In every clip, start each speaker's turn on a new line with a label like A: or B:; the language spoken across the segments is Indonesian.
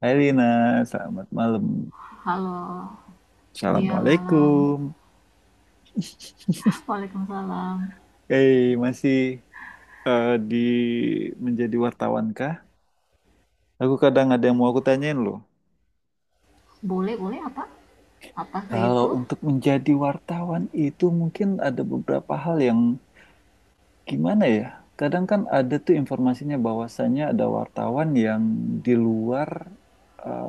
A: Hai Lina, selamat malam.
B: Halo, iya malam.
A: Assalamualaikum.
B: Waalaikumsalam.
A: Masih di menjadi wartawan kah? Aku kadang ada yang mau aku tanyain loh.
B: Boleh, boleh apa? Apa saya
A: Kalau
B: itu?
A: untuk menjadi wartawan itu mungkin ada beberapa hal yang gimana ya? Kadang kan ada tuh informasinya bahwasannya ada wartawan yang di luar, eh,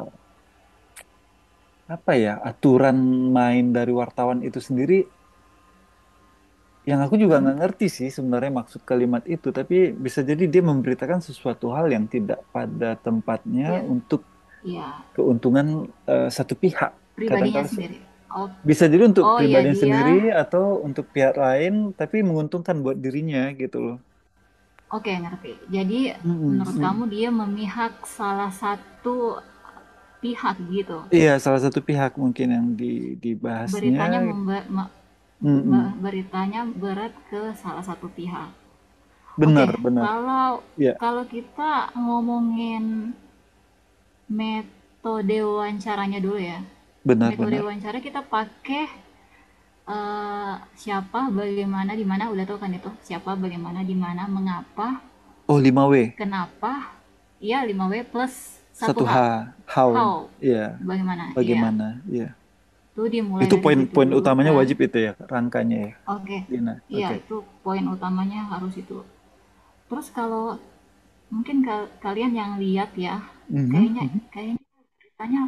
A: apa ya, aturan main dari wartawan itu sendiri, yang aku juga nggak
B: Mm-mm.
A: ngerti sih sebenarnya maksud kalimat itu, tapi bisa jadi dia memberitakan sesuatu hal yang tidak pada tempatnya
B: Iya.
A: untuk
B: Iya,
A: keuntungan satu pihak.
B: pribadinya
A: Kadang-kadang se-
B: sendiri. Oh,
A: bisa jadi untuk
B: oh ya
A: pribadi sendiri
B: dia.
A: atau untuk pihak lain, tapi menguntungkan buat dirinya gitu loh.
B: Oke, ngerti. Jadi
A: Mm-mm,
B: menurut kamu
A: mm.
B: dia memihak salah satu pihak gitu.
A: Iya, salah satu pihak mungkin yang di, dibahasnya.
B: Beritanya memba- me- me-
A: Mm-mm.
B: beritanya berat ke salah satu pihak. Oke,
A: Benar, benar.
B: kalau
A: Iya,
B: kalau kita ngomongin metode wawancaranya dulu ya.
A: benar,
B: Metode
A: benar.
B: wawancara kita pakai siapa, bagaimana, di mana udah tau kan itu. Siapa, bagaimana, di mana, mengapa,
A: Oh, lima w
B: kenapa. Ya 5W plus satu
A: satu
B: h
A: H, how,
B: How.
A: ya,
B: Bagaimana? Iya.
A: bagaimana, ya.
B: Itu dimulai
A: Itu
B: dari situ
A: poin-poin
B: dulu
A: utamanya
B: kan.
A: wajib itu ya, rangkanya ya.
B: Oke.
A: Dina.
B: Iya,
A: Oke.
B: itu poin utamanya harus itu. Terus kalau mungkin kalian yang lihat ya,
A: Mhm,
B: kayaknya
A: mhm,
B: kayak tanya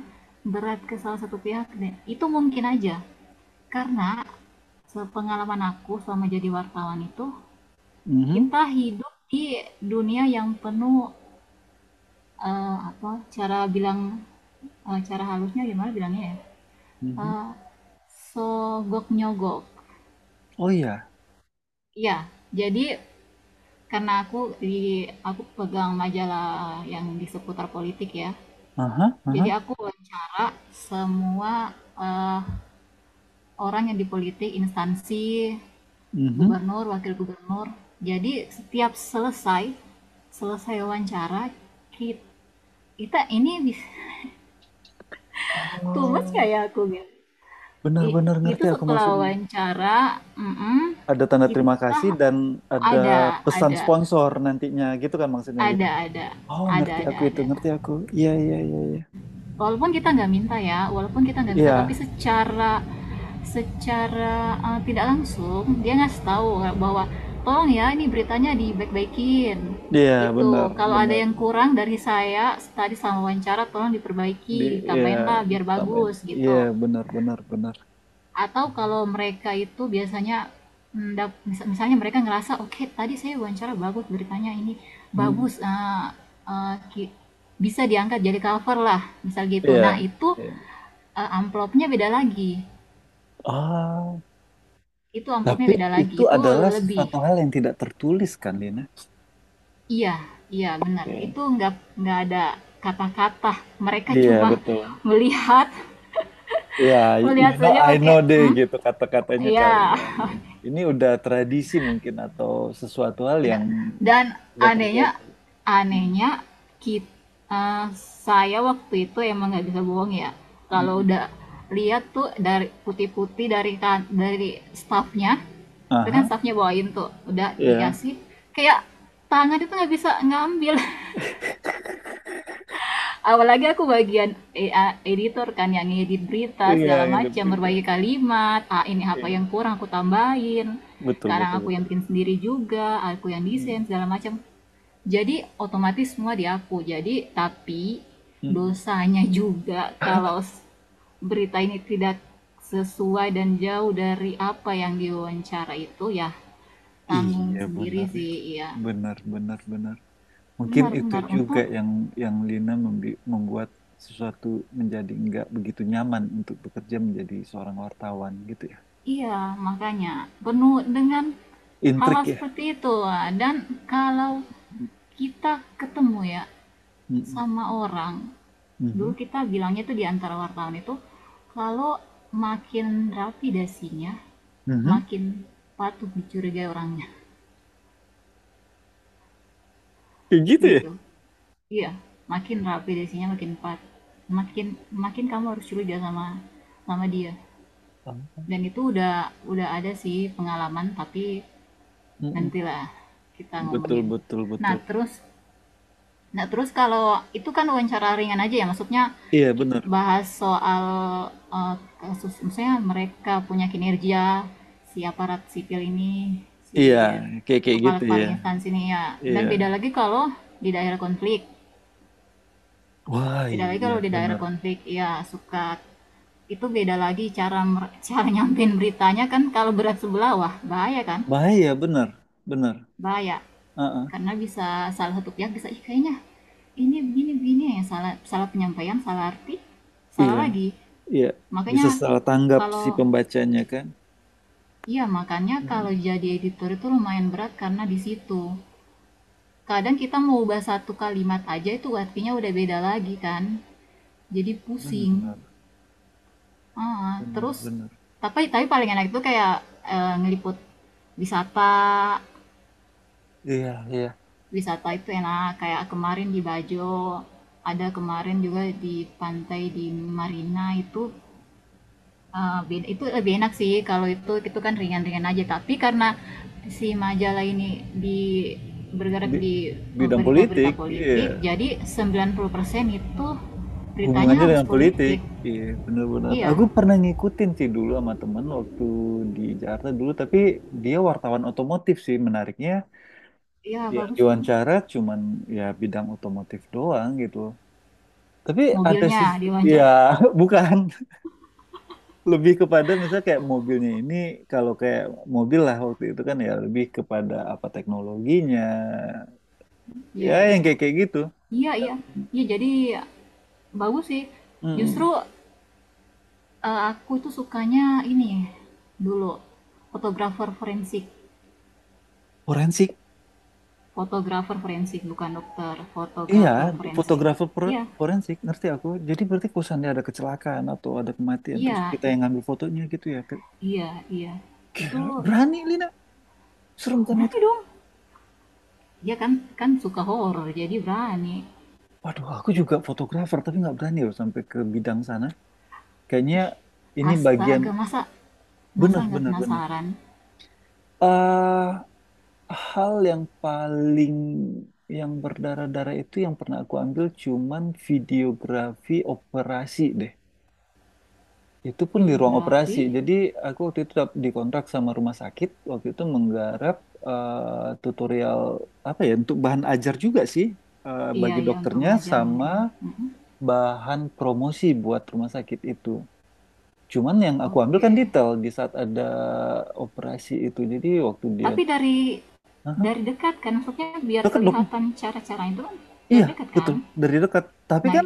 B: berat ke salah satu pihak deh. Itu mungkin aja. Karena sepengalaman aku selama jadi wartawan itu,
A: mhm,
B: kita hidup di dunia yang penuh apa cara bilang cara halusnya gimana bilangnya ya?
A: mhm.
B: Eh, Sogok nyogok.
A: Oh iya.
B: Ya jadi karena aku pegang majalah yang di seputar politik ya.
A: Aha,
B: Jadi
A: aha.
B: aku wawancara semua eh, orang yang di politik, instansi,
A: Mhm.
B: gubernur, wakil gubernur. Jadi setiap selesai wawancara, kita, ini bisa tumes
A: Oh,
B: kayak aku gitu.
A: benar-benar ngerti
B: Itu
A: aku
B: setelah
A: maksudnya.
B: wawancara, mm-mm,
A: Ada tanda terima kasih
B: kita
A: dan ada
B: ada,
A: pesan
B: ada,
A: sponsor nantinya gitu kan maksudnya Lina.
B: ada, ada,
A: Oh, ngerti
B: ada,
A: aku itu,
B: ada.
A: ngerti aku. Iya, iya, iya, iya.
B: Walaupun kita nggak minta ya walaupun kita nggak minta
A: Iya,
B: tapi secara secara tidak langsung dia ngasih tahu bahwa tolong ya ini beritanya dibaik-baikin
A: iya,
B: gitu,
A: benar,
B: kalau ada
A: benar.
B: yang kurang dari saya tadi sama wawancara tolong diperbaiki
A: Di iya,
B: tambahin lah biar
A: tambahin.
B: bagus
A: Iya,
B: gitu.
A: benar, benar, benar.
B: Atau kalau mereka itu biasanya mm, misalnya mereka ngerasa oke okay, tadi saya wawancara bagus beritanya ini
A: Hmm.
B: bagus, uh, bisa diangkat jadi cover lah misal gitu
A: Iya.
B: nah itu.
A: Iya.
B: Amplopnya beda lagi.
A: Ah,
B: Itu amplopnya
A: tapi
B: beda lagi.
A: itu
B: Itu
A: adalah
B: lebih.
A: sesuatu hal yang tidak tertulis kan, Lina?
B: Iya, iya benar.
A: Oke.
B: Itu nggak ada kata-kata. Mereka
A: Iya,
B: cuma
A: betul.
B: melihat,
A: Ya,
B: melihat
A: you know,
B: saja
A: I know
B: pakai
A: deh
B: hmm,
A: gitu kata-katanya kali
B: iya.
A: ya. Iya. Ini udah tradisi mungkin atau sesuatu hal yang
B: Benar. Dan
A: sudah
B: anehnya
A: terjadi. Mm.
B: anehnya kita eee, saya waktu itu emang nggak bisa bohong ya, kalau
A: Mm.
B: udah lihat tuh dari putih-putih dari staffnya, itu kan
A: Aha,
B: staffnya bawain tuh, udah
A: ya.
B: dikasih, kayak tangan itu nggak bisa ngambil. Apalagi aku bagian editor kan yang ngedit berita
A: Iya,
B: segala
A: yang
B: macam,
A: gitu.
B: berbagai kalimat, ah, ini apa
A: Iya.
B: yang kurang aku tambahin,
A: Betul,
B: kadang
A: betul,
B: aku yang
A: betul.
B: bikin sendiri juga, aku yang
A: Mm.
B: desain segala macam. Jadi otomatis semua diaku. Jadi tapi
A: Mm.
B: dosanya juga kalau berita ini tidak sesuai dan jauh dari apa yang diwawancara itu ya tanggung
A: Iya, benar.
B: sendiri
A: Ya.
B: sih, iya
A: Benar, benar, benar. Mungkin itu
B: benar-benar
A: juga
B: untuk
A: yang Lina membuat sesuatu menjadi nggak begitu nyaman untuk bekerja menjadi seorang wartawan gitu ya.
B: iya, makanya penuh dengan hal
A: Intrik ya.
B: seperti itu. Dan kalau kita ketemu ya
A: Mm-mm.
B: sama orang, dulu
A: Mhm.
B: kita bilangnya tuh di antara wartawan itu, kalau makin rapi dasinya
A: Mhm.
B: makin patut dicurigai orangnya
A: Kayak gitu ya.
B: gitu. Iya, makin rapi dasinya makin pat makin makin kamu harus curiga sama sama dia,
A: Oh.
B: dan itu udah ada sih pengalaman, tapi
A: Mm-mm.
B: nantilah kita
A: Betul,
B: ngomongin.
A: betul,
B: Nah,
A: betul.
B: terus. Nah, terus kalau itu kan wawancara ringan aja ya, maksudnya
A: Iya, benar.
B: bahas soal eh, kasus, misalnya mereka punya kinerja, si aparat sipil ini,
A: Iya,
B: si
A: kayak kayak gitu ya.
B: kepala-kepala instansi ini ya. Dan beda
A: Iya.
B: lagi kalau di daerah konflik.
A: Wah,
B: Beda lagi
A: iya
B: kalau di daerah
A: benar.
B: konflik, ya suka itu beda lagi cara cara nyampein beritanya kan, kalau berat sebelah wah bahaya kan.
A: Bahaya benar, benar.
B: Bahaya,
A: Heeh.
B: karena bisa salah satu pihak bisa, "Ih, kayaknya ini begini begini," yang salah, salah penyampaian, salah arti, salah
A: Iya,
B: lagi.
A: iya. Bisa
B: Makanya
A: salah tanggap si
B: kalau
A: pembacanya kan?
B: iya makanya kalau
A: Mm.
B: jadi editor itu lumayan berat karena di situ. Kadang kita mau ubah satu kalimat aja itu artinya udah beda lagi kan. Jadi pusing.
A: Benar,
B: Ah,
A: benar,
B: terus
A: benar.
B: tapi paling enak itu kayak ngeliput wisata.
A: Iya, iya.
B: Wisata itu enak kayak kemarin di Bajo, ada kemarin juga di pantai di Marina itu, itu lebih enak sih, kalau itu kan ringan-ringan aja, tapi karena si majalah ini di bergerak
A: Di
B: di
A: bidang
B: berita-berita
A: politik,
B: politik,
A: iya,
B: jadi 90% itu
A: hubungannya
B: beritanya harus
A: dengan politik.
B: politik.
A: Iya, benar-benar.
B: Iya
A: Aku pernah ngikutin sih dulu sama temen waktu di Jakarta dulu, tapi dia wartawan otomotif sih, menariknya,
B: iya
A: ya,
B: bagus.
A: diwawancara, cuman ya bidang otomotif doang gitu. Tapi ada
B: Mobilnya
A: sih, ya,
B: diwawancara.
A: bukan, lebih kepada misalnya kayak mobilnya ini, kalau kayak mobil lah waktu itu kan ya, lebih kepada apa, teknologinya, ya,
B: Iya
A: yang
B: iya,
A: kayak kayak gitu.
B: iya iya iya, jadi bagus sih justru.
A: Mm-mm.
B: Aku itu sukanya ini, dulu, fotografer forensik.
A: Forensik.
B: Fotografer forensik, bukan dokter,
A: Iya,
B: fotografer forensik. Iya,
A: forensik, ngerti aku. Jadi berarti kalau seandainya ada kecelakaan atau ada kematian, terus
B: iya,
A: kita
B: it
A: yang ngambil fotonya gitu ya. Ke-
B: iya, iya. Itu
A: gila, berani Lina, serem kan itu.
B: berani dong. Dia kan kan suka horor, jadi berani.
A: Waduh, aku juga fotografer, tapi nggak berani loh sampai ke bidang sana. Kayaknya
B: Ih,
A: ini bagian
B: astaga, masa masa nggak
A: benar-benar-benar.
B: penasaran?
A: Bener. Hal yang paling yang berdarah-darah itu yang pernah aku ambil cuman videografi operasi deh. Itu pun di ruang operasi.
B: Videografi?
A: Jadi aku waktu itu dikontrak sama rumah sakit. Waktu itu menggarap tutorial apa ya, untuk bahan ajar juga sih
B: Iya
A: bagi
B: iya, untuk
A: dokternya
B: ngajar
A: sama
B: mungkin, mhm,
A: bahan promosi buat rumah sakit itu. Cuman yang aku ambil
B: oke.
A: kan detail di saat ada operasi itu. Jadi waktu dia...
B: Tapi dari
A: Hah?
B: dari dekat kan? Maksudnya biar
A: Dekat dong.
B: kelihatan cara cara itu kan
A: Iya
B: dari dekat kan?
A: betul, dari dekat. Tapi
B: Nah,
A: kan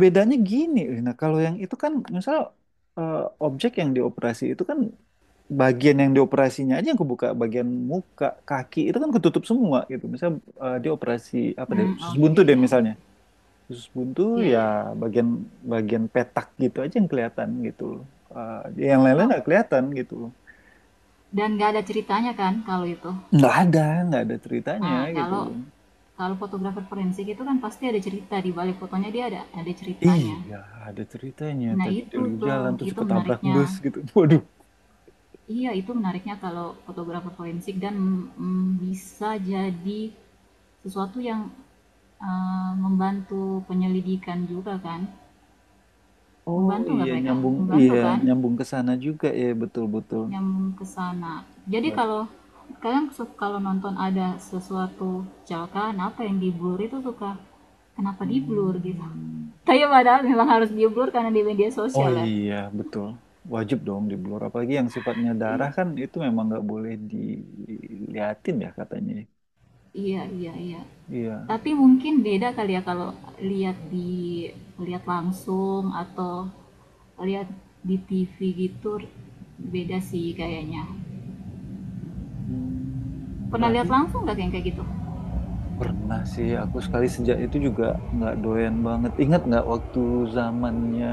A: bedanya gini, Lina, kalau yang itu kan misal eh, objek yang dioperasi itu kan bagian yang dioperasinya aja yang kebuka, bagian muka, kaki itu kan ketutup semua gitu. Misal dia operasi apa deh, usus buntu
B: oke
A: deh
B: ya,
A: misalnya. Usus buntu,
B: iya
A: ya,
B: iya.
A: bagian bagian petak gitu aja yang kelihatan gitu loh. Yang lain-lain
B: Oh,
A: nggak kelihatan gitu loh.
B: dan nggak ada ceritanya kan kalau itu?
A: Nggak ada, nggak ada ceritanya
B: Nah,
A: gitu
B: kalau
A: loh.
B: kalau fotografer forensik itu kan pasti ada cerita, di balik fotonya dia ada ceritanya.
A: Iya, ada ceritanya.
B: Nah,
A: Tadi dia
B: itu
A: lagi
B: tuh,
A: jalan terus
B: itu
A: ketabrak
B: menariknya.
A: bus gitu. Waduh.
B: Iya, itu menariknya kalau fotografer forensik, dan, bisa jadi sesuatu yang, membantu penyelidikan juga kan.
A: Oh
B: Membantu
A: iya,
B: nggak mereka?
A: nyambung,
B: Membantu
A: iya,
B: kan?
A: nyambung ke sana juga ya, betul betul.
B: Nyambung ke sana. Jadi
A: Bat-
B: kalau kalian kalau nonton ada sesuatu kecelakaan apa yang di blur itu suka kenapa di blur gitu.
A: hmm.
B: Tapi padahal memang harus di blur karena di media
A: Oh
B: sosial ya.
A: iya betul, wajib dong di blur apalagi yang sifatnya darah kan, itu memang nggak boleh diliatin ya katanya. Ya.
B: Iya iya iya.
A: Iya.
B: Tapi mungkin beda kali ya kalau lihat langsung atau lihat di TV gitu, beda sih kayaknya.
A: Hmm,
B: Pernah lihat
A: berarti
B: langsung nggak kayak kayak gitu?
A: pernah sih aku sekali, sejak itu juga nggak doyan banget. Ingat nggak waktu zamannya,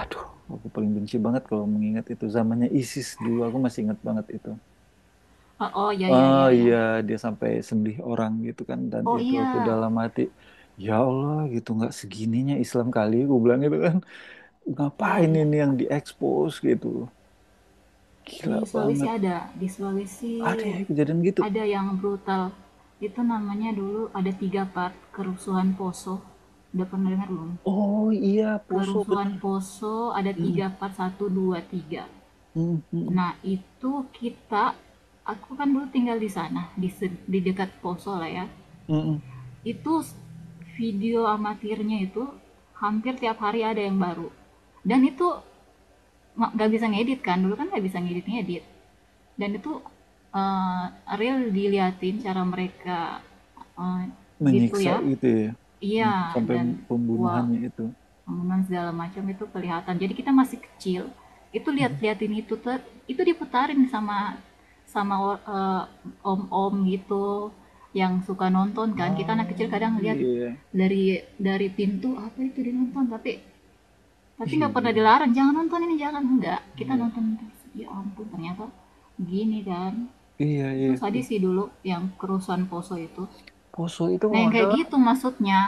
A: aduh, aku paling benci banget kalau mengingat itu zamannya ISIS, dulu aku masih ingat banget itu.
B: Oh, oh ya ya
A: Oh
B: ya ya.
A: iya, dia sampai sembelih orang gitu kan, dan
B: Oh
A: itu aku
B: iya
A: dalam hati, ya Allah, gitu nggak segininya Islam kali aku bilang gitu kan.
B: iya
A: Ngapain
B: iya.
A: ini yang diekspos gitu loh. Gila banget.
B: Di
A: Ada
B: Sulawesi
A: ya kejadian gitu.
B: ada yang brutal. Itu namanya dulu ada tiga part, kerusuhan Poso. Udah pernah dengar belum?
A: Oh iya, Poso
B: Kerusuhan
A: bener.
B: Poso ada
A: Mm,
B: tiga part, satu, dua, tiga.
A: mm, mm,
B: Nah, itu kita, aku kan dulu tinggal di sana, di dekat Poso lah ya.
A: mm, mm.
B: Itu video amatirnya itu hampir tiap hari ada yang baru. Dan itu nggak bisa ngedit kan, dulu kan nggak bisa ngedit-ngedit. Dan itu eh, real diliatin cara mereka eh, gitu
A: Menyiksa
B: ya.
A: gitu ya.
B: Iya,
A: Mm, sampai
B: dan wah
A: pembunuhannya itu.
B: bangunan segala macam itu kelihatan. Jadi kita masih kecil, itu
A: Mhm.
B: lihat-liatin itu tuh, itu diputarin sama sama or- eh, om-om gitu yang suka nonton kan. Kita anak kecil
A: Oh
B: kadang lihat
A: iya.
B: dari pintu apa itu dinonton, tapi nggak
A: Iya
B: pernah
A: bener.
B: dilarang jangan nonton ini, jangan, enggak, kita
A: Iya,
B: nonton terus. Ya ampun, ternyata gini kan.
A: iya,
B: Itu
A: iya.
B: tadi
A: Iya.
B: sih dulu, yang kerusuhan Poso itu.
A: Poso itu
B: Nah,
A: kalau
B: yang
A: nggak
B: kayak
A: salah...
B: gitu maksudnya.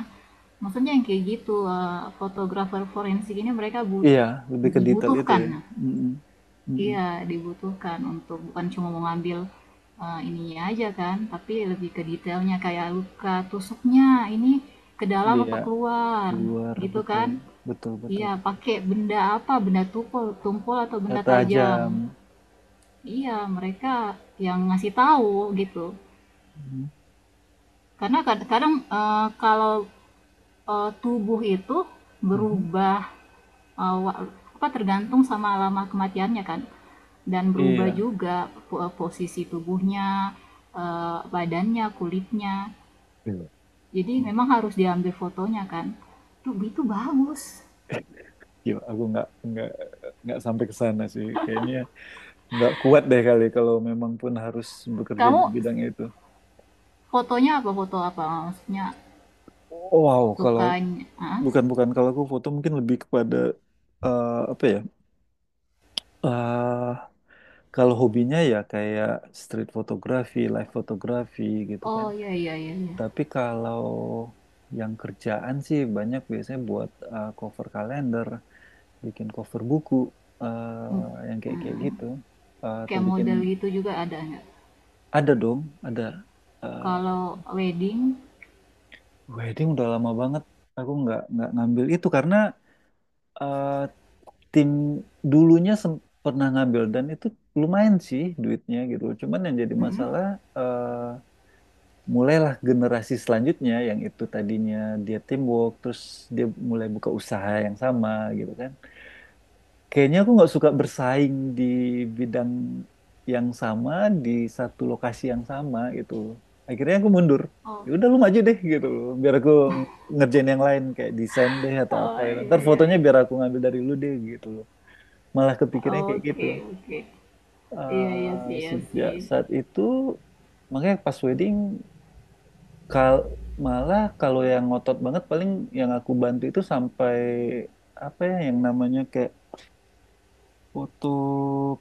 B: Maksudnya yang kayak gitu fotografer forensik ini mereka
A: Iya, lebih ke detail itu
B: dibutuhkan.
A: ya. Mm-mm. Mm-mm.
B: Iya, dibutuhkan untuk bukan cuma mau ngambil ininya aja kan, tapi lebih ke detailnya kayak luka tusuknya ini ke dalam
A: Iya,
B: apa keluar
A: luar,
B: gitu
A: betul,
B: kan.
A: betul, betul,
B: Iya,
A: betul.
B: pakai benda apa? Benda tumpul, tumpul atau benda tajam.
A: Tajam.
B: Iya, mereka yang ngasih tahu gitu.
A: Mhm.
B: Karena kadang-kadang kalau tubuh itu
A: Mhm.
B: berubah eh, apa, tergantung sama lama kematiannya kan, dan berubah
A: Iya.
B: juga posisi tubuhnya, badannya, kulitnya.
A: Iya.
B: Jadi memang harus diambil fotonya kan. Tuh itu bagus.
A: Gila, aku nggak sampai ke sana sih. Kayaknya nggak kuat deh kali kalau memang pun harus bekerja di
B: Kamu
A: bidang itu.
B: fotonya apa, foto apa? Maksudnya
A: Wow, kalau
B: sukanya ah?
A: bukan bukan, kalau aku foto mungkin lebih kepada apa ya? eh Kalau hobinya ya kayak street photography, live photography gitu kan.
B: Oh iya iya iya iya.
A: Tapi kalau yang kerjaan sih banyak, biasanya buat cover kalender, bikin cover buku, yang kayak kayak
B: Hmm.
A: gitu. Atau
B: Kayak
A: bikin
B: model gitu juga ada nggak?
A: ada dong, ada eh,
B: Kalau wedding,
A: wedding udah lama banget. Aku nggak ngambil itu karena eh, tim dulunya pernah ngambil dan itu lumayan sih duitnya gitu. Cuman yang jadi
B: hmm.
A: masalah, eh, mulailah generasi selanjutnya yang itu tadinya dia teamwork, terus dia mulai buka usaha yang sama gitu kan. Kayaknya aku nggak suka bersaing di bidang yang sama di satu lokasi yang sama gitu loh. Akhirnya aku mundur, ya
B: Oh
A: udah lu maju deh gitu loh, biar aku ngerjain yang lain kayak desain deh atau apa
B: Oh,
A: gitu,
B: iya,
A: ntar
B: iya,
A: fotonya
B: iya.
A: biar aku ngambil dari lu deh gitu loh, malah kepikirnya kayak gitu.
B: Oke, oke. Iya, iya sih, iya
A: Sejak
B: sih.
A: saat itu makanya pas wedding, Kal, malah kalau yang ngotot banget paling yang aku bantu itu sampai apa ya yang namanya kayak foto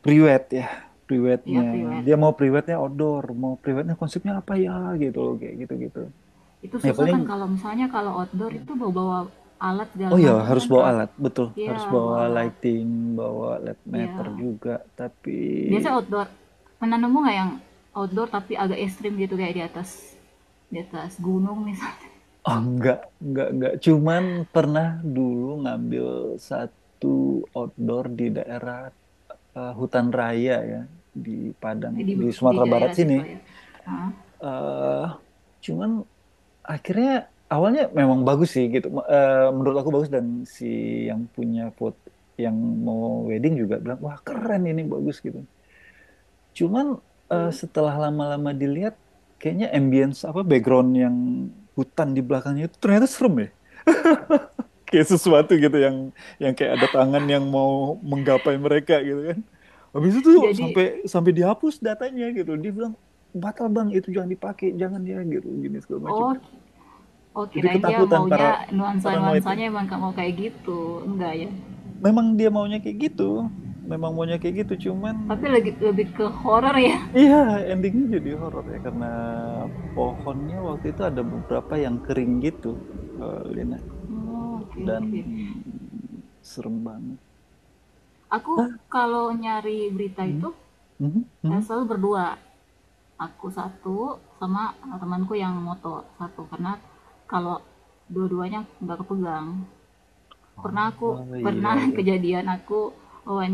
A: priwet ya, priwetnya
B: Iya, priwet.
A: dia mau priwetnya outdoor, mau priwetnya konsepnya apa ya gitu loh, kayak gitu gitu.
B: Itu
A: Ya
B: susah
A: paling,
B: kan kalau misalnya kalau outdoor itu bawa-bawa alat
A: oh
B: segala
A: ya
B: macam
A: harus
B: kan,
A: bawa
B: Kak.
A: alat, betul, harus
B: Iya, bawa
A: bawa
B: alat.
A: lighting, bawa led meter
B: Iya.
A: juga. Tapi
B: Biasa outdoor. Pernah nemu nggak yang outdoor tapi agak ekstrim, gitu kayak di atas gunung misalnya.
A: oh, enggak, cuman pernah dulu ngambil satu outdoor di daerah hutan raya ya, di Padang,
B: Di
A: di Sumatera Barat
B: daerah
A: sini.
B: situ ya. Hah?
A: eh Cuman akhirnya, awalnya memang bagus sih gitu. Menurut aku bagus dan si yang punya foto yang mau wedding juga bilang wah keren ini bagus gitu. Cuman
B: Terus?
A: setelah lama-lama dilihat, kayaknya ambience apa background yang hutan di belakangnya itu ternyata serem ya, kayak sesuatu gitu yang kayak ada tangan yang mau menggapai mereka gitu kan. Habis itu tuh
B: Jadi,
A: sampai sampai dihapus datanya gitu. Dia bilang batal bang, itu jangan dipakai, jangan ya, gitu gini segala macam.
B: oh, oh
A: Jadi
B: kirain dia
A: ketakutan, para
B: maunya
A: paranoidnya.
B: nuansa-nuansanya emang nggak mau kayak gitu. Enggak ya.
A: Memang dia maunya kayak gitu. Memang maunya kayak gitu, cuman
B: Tapi lebih lebih ke horror ya.
A: iya endingnya jadi horor ya, karena pohonnya waktu itu ada beberapa yang kering gitu, Lina,
B: Oh, oke
A: dan
B: oke.
A: mm, serem banget.
B: Aku
A: Ah,
B: kalau nyari berita
A: mhm,
B: itu
A: mhm, mhm.
B: selalu berdua. Aku satu sama temanku yang moto satu, karena kalau dua-duanya nggak kepegang. Pernah aku
A: Oh iya
B: pernah
A: iya.
B: kejadian, aku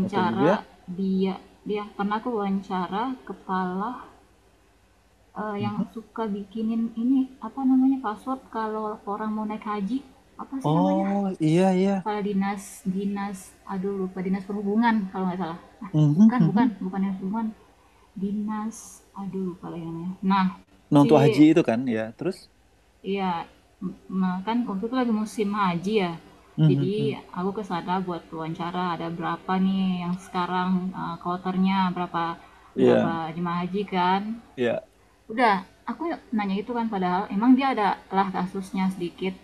A: Moto juga.
B: dia, pernah aku wawancara kepala yang
A: Mhm.
B: suka bikinin ini apa namanya, password kalau orang mau naik haji, apa sih namanya.
A: Oh iya iya.
B: Kalau dinas dinas aduh lupa, dinas perhubungan kalau nggak salah. Ah,
A: Mhm,
B: bukan bukan
A: mhm.
B: bukan dinas perhubungan, dinas, aduh lupa lagi namanya. Nah, si
A: Nonton haji itu kan ya. Terus?
B: iya kan waktu itu lagi musim haji ya.
A: Mhm,
B: Jadi
A: mhm.
B: aku ke sana buat wawancara ada berapa nih yang sekarang kloternya berapa
A: Iya
B: berapa jemaah haji kan.
A: iya.
B: Udah, aku nanya itu kan, padahal emang dia ada lah kasusnya sedikit.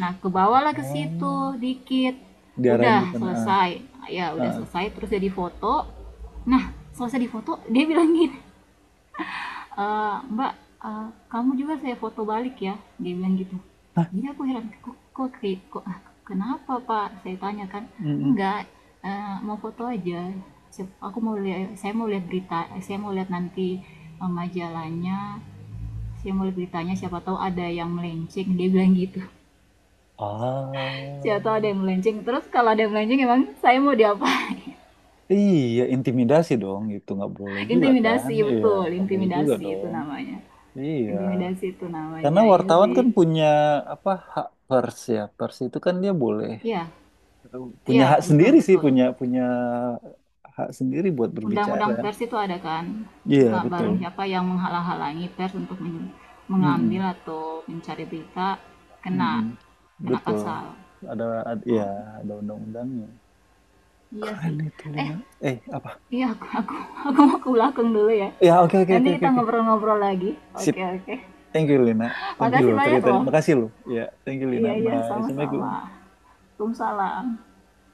B: Nah, ke bawah lah ke situ
A: Oh
B: dikit.
A: diarahin
B: Udah
A: ke sana. Ah,
B: selesai. Ya, udah
A: ah.
B: selesai terus jadi foto. Nah, selesai di foto dia bilang gini, Mbak, kamu juga saya foto balik ya." Dia bilang gitu.
A: Hah?
B: Jadi aku heran, "Kok kok, kayak- kok ah, kenapa, Pak?" Saya tanya kan.
A: Mhm.
B: "Enggak, mau foto aja. Aku mau lihat Saya mau lihat berita, saya mau lihat nanti majalahnya." Saya mau lihat beritanya, siapa tahu ada yang melenceng, dia bilang gitu.
A: Ah
B: Siapa tahu ada yang melenceng. Terus kalau ada yang melenceng emang saya mau diapain?
A: iya, intimidasi dong, itu nggak boleh juga kan?
B: Intimidasi
A: Iya,
B: betul,
A: nggak boleh juga
B: intimidasi itu
A: dong.
B: namanya.
A: Iya.
B: Intimidasi itu
A: Karena
B: namanya. Iya
A: wartawan
B: sih.
A: kan punya apa, hak pers ya. Pers itu kan dia boleh
B: Iya,
A: punya
B: iya
A: hak
B: betul
A: sendiri sih,
B: betul.
A: punya punya hak sendiri buat
B: Undang-undang
A: berbicara,
B: pers itu ada kan?
A: iya
B: Nggak
A: betul.
B: bareng siapa yang menghalang-halangi pers untuk mengambil
A: Mm-mm.
B: atau mencari berita, kena
A: Mm-mm.
B: kena
A: Betul,
B: pasal.
A: ada, ad- ya,
B: Oh,
A: ada undang-undangnya,
B: iya
A: keren
B: sih.
A: itu
B: Eh,
A: Lina. Apa
B: iya aku mau ke belakang dulu ya.
A: ya, oke oke
B: Nanti
A: oke oke
B: kita
A: oke,
B: ngobrol-ngobrol lagi.
A: sip.
B: Oke, oke.
A: Thank you Lina, thank you
B: Makasih
A: lo
B: banyak
A: ceritanya,
B: loh.
A: makasih lo ya, thank you Lina,
B: Iya iya
A: bye,
B: sama-sama.
A: assalamualaikum.
B: Waalaikumsalam.